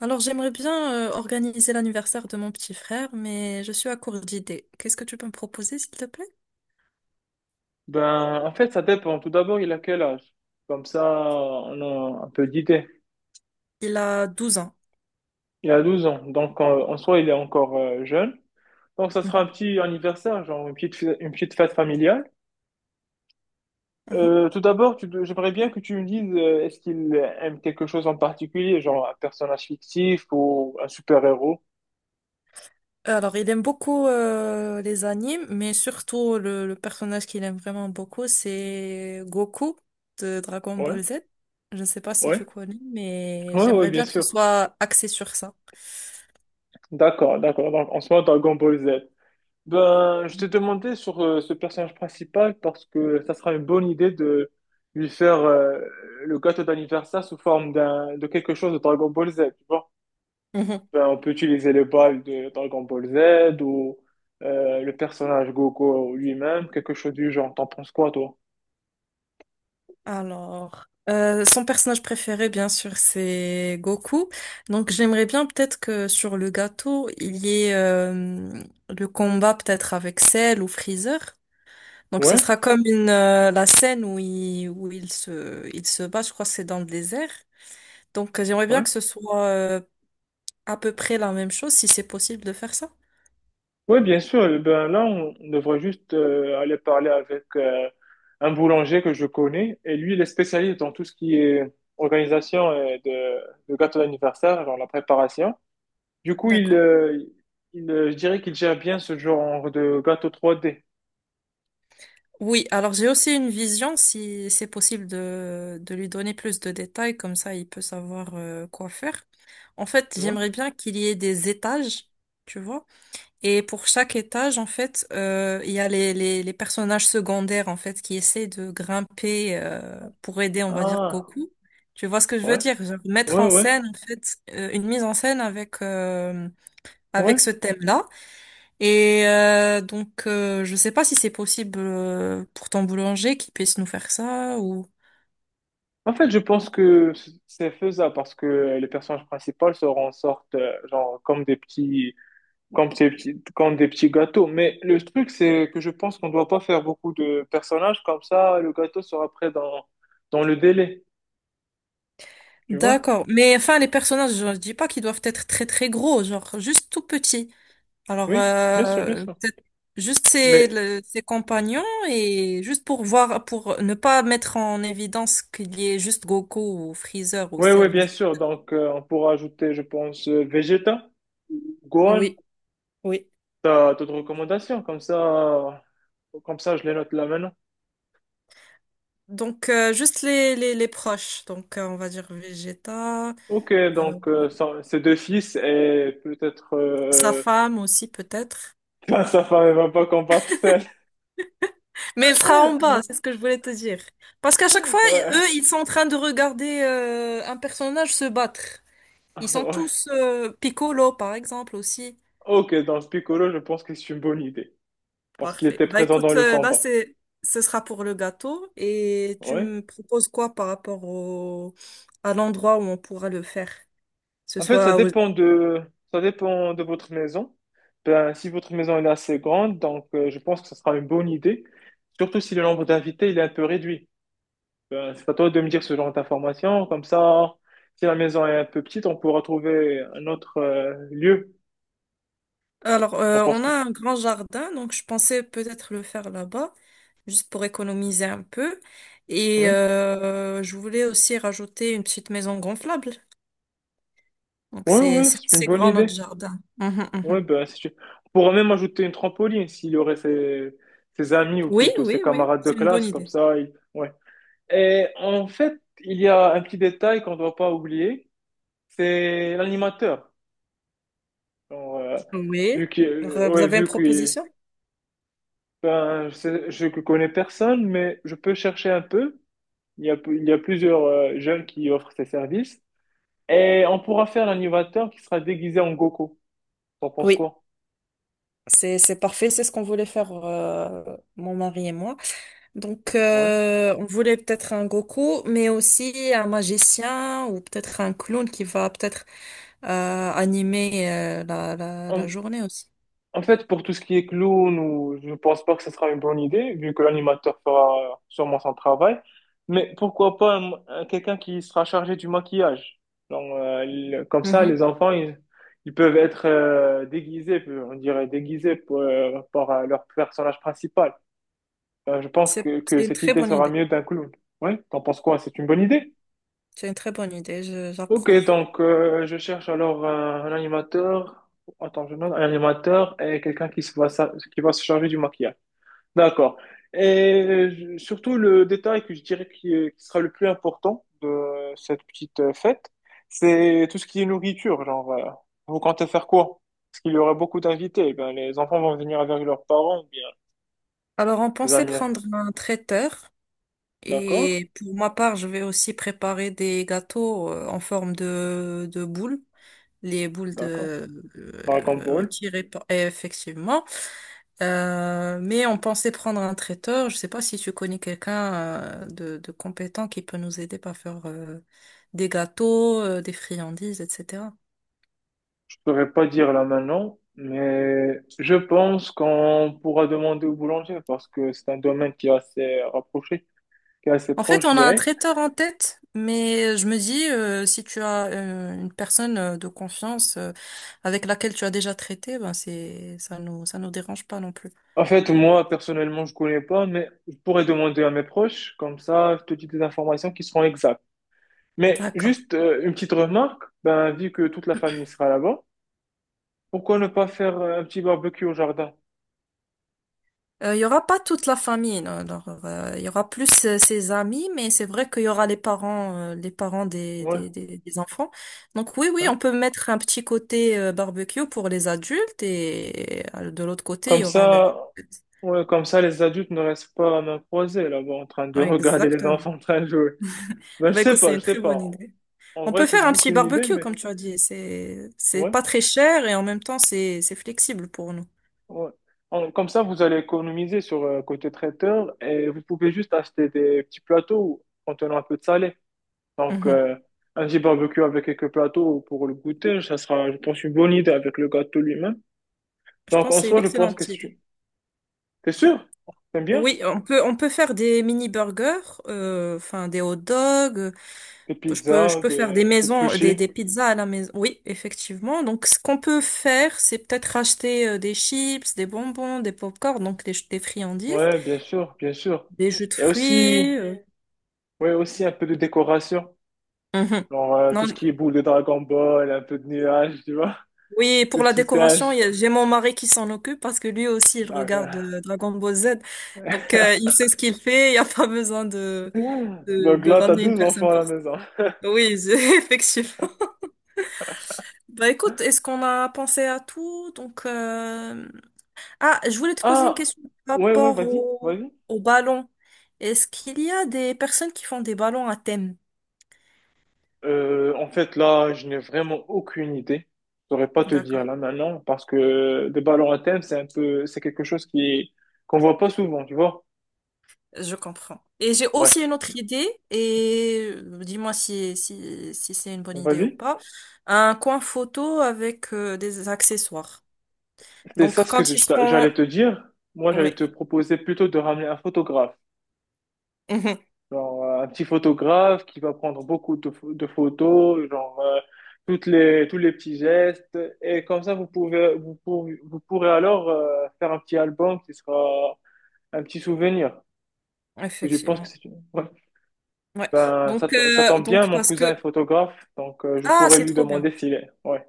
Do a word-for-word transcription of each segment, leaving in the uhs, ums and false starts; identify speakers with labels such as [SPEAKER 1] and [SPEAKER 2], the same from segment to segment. [SPEAKER 1] Alors, j'aimerais bien euh, organiser l'anniversaire de mon petit frère, mais je suis à court d'idées. Qu'est-ce que tu peux me proposer, s'il te plaît?
[SPEAKER 2] Ben, en fait, ça dépend. Tout d'abord, il a quel âge? Comme ça, on a un peu d'idée.
[SPEAKER 1] Il a douze ans.
[SPEAKER 2] Il a douze ans, donc en, en soi, il est encore euh, jeune. Donc, ça sera
[SPEAKER 1] Mhm,
[SPEAKER 2] un petit anniversaire, genre une petite, fê- une petite fête familiale.
[SPEAKER 1] mhm.
[SPEAKER 2] Euh, tout d'abord, tu dois- j'aimerais bien que tu me dises, euh, est-ce qu'il aime quelque chose en particulier, genre un personnage fictif ou un super-héros?
[SPEAKER 1] Alors, il aime beaucoup euh, les animes, mais surtout le, le personnage qu'il aime vraiment beaucoup, c'est Goku de Dragon
[SPEAKER 2] Ouais,
[SPEAKER 1] Ball Z. Je ne sais pas si
[SPEAKER 2] ouais,
[SPEAKER 1] tu connais, mais
[SPEAKER 2] ouais, ouais,
[SPEAKER 1] j'aimerais
[SPEAKER 2] bien
[SPEAKER 1] bien que ce
[SPEAKER 2] sûr.
[SPEAKER 1] soit axé sur ça.
[SPEAKER 2] D'accord, d'accord. Donc, en soi, Dragon Ball Z. Ben, je t'ai demandé sur euh, ce personnage principal parce que ça sera une bonne idée de lui faire euh, le gâteau d'anniversaire sous forme d'un de quelque chose de Dragon Ball Z, tu vois. Ben, on peut utiliser les balles de Dragon Ball Z ou euh, le personnage Goku lui-même, quelque chose du genre. T'en penses quoi, toi?
[SPEAKER 1] Alors, euh, son personnage préféré, bien sûr, c'est Goku. Donc, j'aimerais bien peut-être que sur le gâteau, il y ait euh, le combat peut-être avec Cell ou Freezer. Donc, ce
[SPEAKER 2] Ouais,
[SPEAKER 1] sera comme une, euh, la scène où il, où il se, il se bat, je crois que c'est dans le désert. Donc, euh, j'aimerais bien
[SPEAKER 2] ouais.
[SPEAKER 1] que ce soit euh, à peu près la même chose si c'est possible de faire ça?
[SPEAKER 2] Oui, bien sûr. Eh Ben là, on on devrait juste euh, aller parler avec euh, un boulanger que je connais. Et lui, il est spécialiste dans tout ce qui est organisation euh, de, de gâteau d'anniversaire, dans la préparation. Du coup, il,
[SPEAKER 1] D'accord.
[SPEAKER 2] euh, il, euh, je dirais qu'il gère bien ce genre de gâteau trois D.
[SPEAKER 1] Oui, alors j'ai aussi une vision si c'est possible de, de lui donner plus de détails, comme ça il peut savoir euh, quoi faire. En fait,
[SPEAKER 2] Ouais.
[SPEAKER 1] j'aimerais bien qu'il y ait des étages, tu vois. Et pour chaque étage, en fait, euh, il y a les, les, les personnages secondaires, en fait, qui essaient de grimper euh, pour aider, on va dire,
[SPEAKER 2] Ah,
[SPEAKER 1] Goku. Tu vois ce que je veux
[SPEAKER 2] ouais,
[SPEAKER 1] dire? Genre, mettre en
[SPEAKER 2] ouais, ouais,
[SPEAKER 1] scène, en fait, euh, une mise en scène avec, euh, avec ce
[SPEAKER 2] ouais.
[SPEAKER 1] thème-là. Et euh, donc, euh, je sais pas si c'est possible euh, pour ton boulanger qu'il puisse nous faire ça ou...
[SPEAKER 2] En fait, je pense que c'est faisable parce que les personnages principales se en sortent euh, genre comme des petits comme des petits, comme des petits gâteaux. Mais le truc, c'est que je pense qu'on doit pas faire beaucoup de personnages, comme ça, le gâteau sera prêt dans, dans le délai. Tu vois?
[SPEAKER 1] D'accord. Mais enfin, les personnages, je dis pas qu'ils doivent être très, très gros, genre juste tout petits. Alors,
[SPEAKER 2] Oui, bien sûr, bien
[SPEAKER 1] euh,
[SPEAKER 2] sûr.
[SPEAKER 1] peut-être juste ses,
[SPEAKER 2] Mais,
[SPEAKER 1] le- ses compagnons et juste pour voir, pour ne pas mettre en évidence qu'il y ait juste Goku ou Freezer ou
[SPEAKER 2] oui, oui,
[SPEAKER 1] Cell.
[SPEAKER 2] bien sûr. Donc, euh, on pourra ajouter, je pense, euh, Vegeta, Gohan,
[SPEAKER 1] Oui, oui.
[SPEAKER 2] t'as d'autres recommandations, comme ça, comme ça, je les note là maintenant.
[SPEAKER 1] Donc, euh, juste les, les, les proches. Donc, euh, on va dire Vegeta,
[SPEAKER 2] Ok,
[SPEAKER 1] euh,
[SPEAKER 2] donc, euh, ça- ces deux fils et peut-être,
[SPEAKER 1] sa
[SPEAKER 2] euh...
[SPEAKER 1] femme aussi peut-être.
[SPEAKER 2] sa femme, elle va pas combattre celle.
[SPEAKER 1] Mais elle sera en bas, c'est ce que je voulais te dire. Parce qu'à chaque fois, y- eux,
[SPEAKER 2] Ouais.
[SPEAKER 1] ils sont en train de regarder euh, un personnage se battre. Ils sont tous, euh, Piccolo par exemple aussi.
[SPEAKER 2] Ok, dans ce Piccolo, je pense que c'est une bonne idée. Parce qu'il
[SPEAKER 1] Parfait.
[SPEAKER 2] était
[SPEAKER 1] Bah
[SPEAKER 2] présent dans
[SPEAKER 1] écoute,
[SPEAKER 2] le
[SPEAKER 1] euh, là
[SPEAKER 2] combat.
[SPEAKER 1] c'est ce sera pour le gâteau et tu
[SPEAKER 2] Ouais.
[SPEAKER 1] me proposes quoi par rapport au à l'endroit où on pourra le faire? Ce
[SPEAKER 2] En fait, ça
[SPEAKER 1] soit au-
[SPEAKER 2] dépend de, ça dépend de votre maison. Ben, si votre maison elle est assez grande, donc euh, je pense que ce sera une bonne idée. Surtout si le nombre d'invités il est un peu réduit. Ben, c'est à toi de me dire ce genre d'informations. Comme ça, si la maison est un peu petite, on pourra trouver un autre euh, lieu.
[SPEAKER 1] Alors
[SPEAKER 2] On
[SPEAKER 1] euh,
[SPEAKER 2] pense
[SPEAKER 1] on a
[SPEAKER 2] quoi?
[SPEAKER 1] un grand jardin donc je pensais peut-être le faire là-bas juste pour économiser un peu et
[SPEAKER 2] Oui,
[SPEAKER 1] euh, je voulais aussi rajouter une petite maison gonflable. Donc
[SPEAKER 2] oui,
[SPEAKER 1] c'est
[SPEAKER 2] oui,
[SPEAKER 1] c'est
[SPEAKER 2] c'est une
[SPEAKER 1] assez
[SPEAKER 2] bonne
[SPEAKER 1] grand notre
[SPEAKER 2] idée.
[SPEAKER 1] jardin. Mhm,
[SPEAKER 2] Ouais,
[SPEAKER 1] mhm.
[SPEAKER 2] ben, si tu... on pourrait même ajouter une trampoline s'il y aurait ses... ses amis ou
[SPEAKER 1] Oui,
[SPEAKER 2] plutôt ses
[SPEAKER 1] oui, oui,
[SPEAKER 2] camarades de
[SPEAKER 1] c'est une bonne
[SPEAKER 2] classe, comme
[SPEAKER 1] idée.
[SPEAKER 2] ça. il- Ouais. Et en fait, il y a un petit détail qu'on ne doit pas oublier, c'est l'animateur. Genre, euh,
[SPEAKER 1] Oui.
[SPEAKER 2] vu que,
[SPEAKER 1] Alors, euh,
[SPEAKER 2] euh,
[SPEAKER 1] vous
[SPEAKER 2] ouais,
[SPEAKER 1] avez une
[SPEAKER 2] vu que
[SPEAKER 1] proposition?
[SPEAKER 2] ben, je sais- je ne connais personne, mais je peux chercher un peu. Il y a, il y a plusieurs euh, jeunes qui offrent ces services. Et on pourra faire l'animateur qui sera déguisé en Goku. T'en penses
[SPEAKER 1] Oui.
[SPEAKER 2] quoi?
[SPEAKER 1] C'est, c'est parfait, c'est ce qu'on voulait faire, euh, mon mari et moi. Donc,
[SPEAKER 2] Ouais.
[SPEAKER 1] euh, on voulait peut-être un Goku, mais aussi un magicien ou peut-être un clown qui va peut-être euh, animer euh, la, la, la
[SPEAKER 2] On-
[SPEAKER 1] journée aussi.
[SPEAKER 2] En fait, pour tout ce qui est clown, ou, je ne pense pas que ce sera une bonne idée, vu que l'animateur fera sûrement son travail. Mais pourquoi pas un- un- quelqu'un qui sera chargé du maquillage? Donc, euh, le- comme ça,
[SPEAKER 1] Mhm.
[SPEAKER 2] les enfants, ils, ils peuvent être euh, déguisés, on dirait déguisés pour, euh, par euh, leur personnage principal. Euh, je pense
[SPEAKER 1] C'est,
[SPEAKER 2] que, que
[SPEAKER 1] c'est une
[SPEAKER 2] cette
[SPEAKER 1] très
[SPEAKER 2] idée
[SPEAKER 1] bonne
[SPEAKER 2] sera
[SPEAKER 1] idée.
[SPEAKER 2] mieux d'un clown. Oui, t'en penses quoi? C'est une bonne idée?
[SPEAKER 1] C'est une très bonne idée, je-
[SPEAKER 2] Ok,
[SPEAKER 1] j'approuve.
[SPEAKER 2] donc euh, je cherche alors un, un animateur. Attends, je note un animateur et quelqu'un qui se va, sa- qui va se charger du maquillage. D'accord. Et je- surtout, le détail que je dirais qui, est- qui sera le plus important de cette petite euh, fête, c'est tout ce qui est nourriture. Genre, euh, vous comptez faire quoi? Parce qu'il y aura beaucoup d'invités. Eh Ben, les enfants vont venir avec leurs parents ou bien
[SPEAKER 1] Alors, on
[SPEAKER 2] les
[SPEAKER 1] pensait
[SPEAKER 2] amis.
[SPEAKER 1] prendre un traiteur
[SPEAKER 2] D'accord?
[SPEAKER 1] et pour ma part, je vais aussi préparer des gâteaux euh, en forme de, de boule. Les boules
[SPEAKER 2] D'accord.
[SPEAKER 1] de
[SPEAKER 2] Dragon
[SPEAKER 1] euh,
[SPEAKER 2] Ball.
[SPEAKER 1] tirées par- et effectivement. Euh, mais on pensait prendre un traiteur. Je sais pas si tu connais quelqu'un euh, de, de compétent qui peut nous aider par faire euh, des gâteaux, euh, des friandises, et cetera.
[SPEAKER 2] Je ne pourrais pas dire là maintenant, mais je pense qu'on pourra demander au boulanger parce que c'est un domaine qui est assez rapproché, qui est assez
[SPEAKER 1] En fait,
[SPEAKER 2] proche, je
[SPEAKER 1] on a un
[SPEAKER 2] dirais.
[SPEAKER 1] traiteur en tête, mais je me dis, euh, si tu as euh, une personne euh, de confiance euh, avec laquelle tu as déjà traité, ben c'est, ça nous, ça nous dérange pas non plus.
[SPEAKER 2] En fait, moi, personnellement, je connais pas, mais je pourrais demander à mes proches, comme ça, je te dis des informations qui seront exactes. Mais
[SPEAKER 1] D'accord.
[SPEAKER 2] juste euh, une petite remarque, ben, vu que toute la famille sera là-bas, pourquoi ne pas faire euh, un petit barbecue au jardin?
[SPEAKER 1] Euh, il y aura pas toute la famille, non, alors, euh, il y aura plus euh, ses amis, mais c'est vrai qu'il y aura les parents, euh, les parents des,
[SPEAKER 2] Ouais,
[SPEAKER 1] des, des, des enfants. Donc oui, oui, on
[SPEAKER 2] hein.
[SPEAKER 1] peut mettre un petit côté euh, barbecue pour les adultes et euh, de l'autre côté, il
[SPEAKER 2] Comme
[SPEAKER 1] y aura la...
[SPEAKER 2] ça, ouais, comme ça, les adultes ne restent pas à main croisée là-bas en train de
[SPEAKER 1] Ouais,
[SPEAKER 2] regarder les
[SPEAKER 1] exactement.
[SPEAKER 2] enfants en train de jouer. Ben, je
[SPEAKER 1] Bah
[SPEAKER 2] sais
[SPEAKER 1] écoute, c'est
[SPEAKER 2] pas,
[SPEAKER 1] une
[SPEAKER 2] je sais
[SPEAKER 1] très bonne
[SPEAKER 2] pas.
[SPEAKER 1] idée.
[SPEAKER 2] En
[SPEAKER 1] On
[SPEAKER 2] vrai,
[SPEAKER 1] peut
[SPEAKER 2] c'est
[SPEAKER 1] faire un
[SPEAKER 2] juste
[SPEAKER 1] petit
[SPEAKER 2] une idée,
[SPEAKER 1] barbecue,
[SPEAKER 2] mais
[SPEAKER 1] comme tu as dit. C'est, c'est
[SPEAKER 2] ouais.
[SPEAKER 1] pas très cher et en même temps, c'est, c'est flexible pour nous.
[SPEAKER 2] Ouais. En- Comme ça, vous allez économiser sur euh, côté traiteur et vous pouvez juste acheter des petits plateaux contenant un peu de salé. Donc,
[SPEAKER 1] Mhm.
[SPEAKER 2] euh, un petit barbecue avec quelques plateaux pour le goûter, ça sera, je pense, une bonne idée avec le gâteau lui-même.
[SPEAKER 1] Je
[SPEAKER 2] Donc,
[SPEAKER 1] pense
[SPEAKER 2] en
[SPEAKER 1] que c'est une
[SPEAKER 2] soi, je pense que
[SPEAKER 1] excellente idée.
[SPEAKER 2] c'est... T'es sûr? T'aimes bien?
[SPEAKER 1] Oui, on peut, on peut faire des mini burgers, euh, enfin des hot dogs.
[SPEAKER 2] Des
[SPEAKER 1] Je peux, je
[SPEAKER 2] pizzas,
[SPEAKER 1] peux faire
[SPEAKER 2] des,
[SPEAKER 1] des
[SPEAKER 2] des
[SPEAKER 1] maisons, euh, des,
[SPEAKER 2] sushis.
[SPEAKER 1] des pizzas à la maison. Oui, effectivement. Donc, ce qu'on peut faire, c'est peut-être acheter euh, des chips, des bonbons, des pop-corn, donc des, des friandises,
[SPEAKER 2] Ouais, bien sûr, bien sûr.
[SPEAKER 1] des jus de
[SPEAKER 2] Et aussi,
[SPEAKER 1] fruits. euh.
[SPEAKER 2] ouais, aussi un peu de décoration.
[SPEAKER 1] Mhm.
[SPEAKER 2] Genre, euh, tout ce qui est
[SPEAKER 1] Non,
[SPEAKER 2] boule de Dragon Ball, un peu de nuages, tu vois?
[SPEAKER 1] oui,
[SPEAKER 2] Le
[SPEAKER 1] pour la
[SPEAKER 2] petit singe.
[SPEAKER 1] décoration, il y a- j'ai mon mari qui s'en occupe parce que lui aussi, il
[SPEAKER 2] Ah,
[SPEAKER 1] regarde
[SPEAKER 2] voilà.
[SPEAKER 1] euh, Dragon Ball Z. Donc, euh, il sait ce qu'il fait. Il n'y a pas besoin de, de,
[SPEAKER 2] Donc
[SPEAKER 1] de
[SPEAKER 2] là, t'as
[SPEAKER 1] ramener une
[SPEAKER 2] deux
[SPEAKER 1] personne
[SPEAKER 2] enfants à
[SPEAKER 1] pour
[SPEAKER 2] la
[SPEAKER 1] ça.
[SPEAKER 2] maison.
[SPEAKER 1] Oui, effectivement. Bah écoute, est-ce qu'on a pensé à tout? Donc, euh, ah, je voulais te poser une
[SPEAKER 2] Ah,
[SPEAKER 1] question par
[SPEAKER 2] ouais, ouais,
[SPEAKER 1] rapport
[SPEAKER 2] vas-y,
[SPEAKER 1] au,
[SPEAKER 2] vas-y.
[SPEAKER 1] au ballon. Est-ce qu'il y a des personnes qui font des ballons à thème?
[SPEAKER 2] Euh, en fait, là, je n'ai vraiment aucune idée. Je saurais pas te dire
[SPEAKER 1] D'accord,
[SPEAKER 2] là maintenant parce que des balles en thème, c'est un peu, c'est quelque chose qui qu'on voit pas souvent, tu vois.
[SPEAKER 1] je comprends. Et j'ai
[SPEAKER 2] Ouais,
[SPEAKER 1] aussi une autre idée, et euh, dis-moi si, si, si c'est une bonne idée ou
[SPEAKER 2] vas-y.
[SPEAKER 1] pas. Un coin photo avec euh, des accessoires.
[SPEAKER 2] C'est ça
[SPEAKER 1] Donc,
[SPEAKER 2] ce que
[SPEAKER 1] quand
[SPEAKER 2] je
[SPEAKER 1] ils seront...
[SPEAKER 2] j'allais te dire. Moi, j'allais
[SPEAKER 1] Oui,
[SPEAKER 2] te proposer plutôt de ramener un photographe.
[SPEAKER 1] mhm,
[SPEAKER 2] Genre, euh, un petit photographe qui va prendre beaucoup de, pho- de photos, genre, euh, toutes les, tous les petits gestes. Et comme ça, vous pouvez, vous pourrez, vous pourrez alors, euh, faire un petit album qui sera un petit souvenir. Parce que je pense que
[SPEAKER 1] effectivement.
[SPEAKER 2] c'est une... ouais.
[SPEAKER 1] Ouais.
[SPEAKER 2] Euh, Ça,
[SPEAKER 1] Donc,
[SPEAKER 2] to- ça
[SPEAKER 1] euh,
[SPEAKER 2] tombe bien,
[SPEAKER 1] donc,
[SPEAKER 2] mon
[SPEAKER 1] parce que...
[SPEAKER 2] cousin est photographe, donc euh, je
[SPEAKER 1] Ah,
[SPEAKER 2] pourrais
[SPEAKER 1] c'est
[SPEAKER 2] lui
[SPEAKER 1] trop bien.
[SPEAKER 2] demander s'il est. Ouais.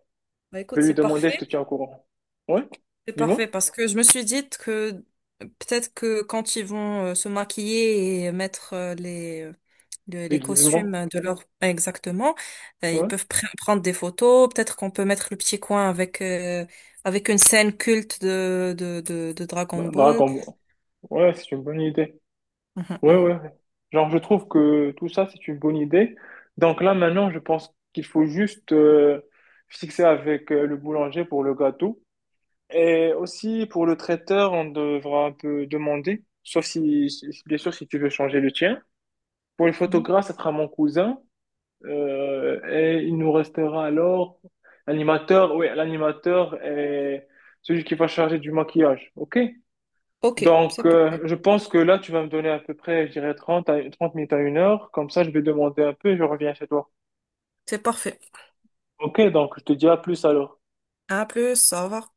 [SPEAKER 1] Bah,
[SPEAKER 2] Je
[SPEAKER 1] écoute,
[SPEAKER 2] vais lui
[SPEAKER 1] c'est
[SPEAKER 2] demander, je te
[SPEAKER 1] parfait.
[SPEAKER 2] tiens au courant. Ouais,
[SPEAKER 1] C'est parfait
[SPEAKER 2] dis-moi.
[SPEAKER 1] parce que je me suis dit que peut-être que quand ils vont euh, se maquiller et mettre euh, les, le- les
[SPEAKER 2] Déguisement.
[SPEAKER 1] costumes de leur exactement, euh, ils
[SPEAKER 2] Ouais.
[SPEAKER 1] peuvent pr- prendre des photos. Peut-être qu'on peut mettre le petit coin avec euh, avec une scène culte de de, de, de Dragon
[SPEAKER 2] Dra-
[SPEAKER 1] Ball.
[SPEAKER 2] Dragon Ball. Ouais, c'est une bonne idée.
[SPEAKER 1] Mhm,
[SPEAKER 2] Ouais,
[SPEAKER 1] mhm,
[SPEAKER 2] ouais. ouais. Genre, je trouve que tout ça, c'est une bonne idée. Donc là, maintenant, je pense qu'il faut juste euh, fixer avec euh, le boulanger pour le gâteau. Et aussi, pour le traiteur, on devra un peu demander, sauf si, si- bien sûr, si tu veux changer le tien. Pour le
[SPEAKER 1] mhm.
[SPEAKER 2] photographe, ça sera mon cousin. Euh, et il nous restera alors l'animateur, oui, l'animateur et celui qui va charger du maquillage. OK?
[SPEAKER 1] Ok, c'est
[SPEAKER 2] Donc, euh,
[SPEAKER 1] parfait.
[SPEAKER 2] je pense que là, tu vas me donner à peu près, je dirais, trente à, trente minutes à une heure. Comme ça, je vais demander un peu et je reviens chez toi.
[SPEAKER 1] C'est parfait.
[SPEAKER 2] OK, donc je te dis à plus alors.
[SPEAKER 1] À plus, au revoir.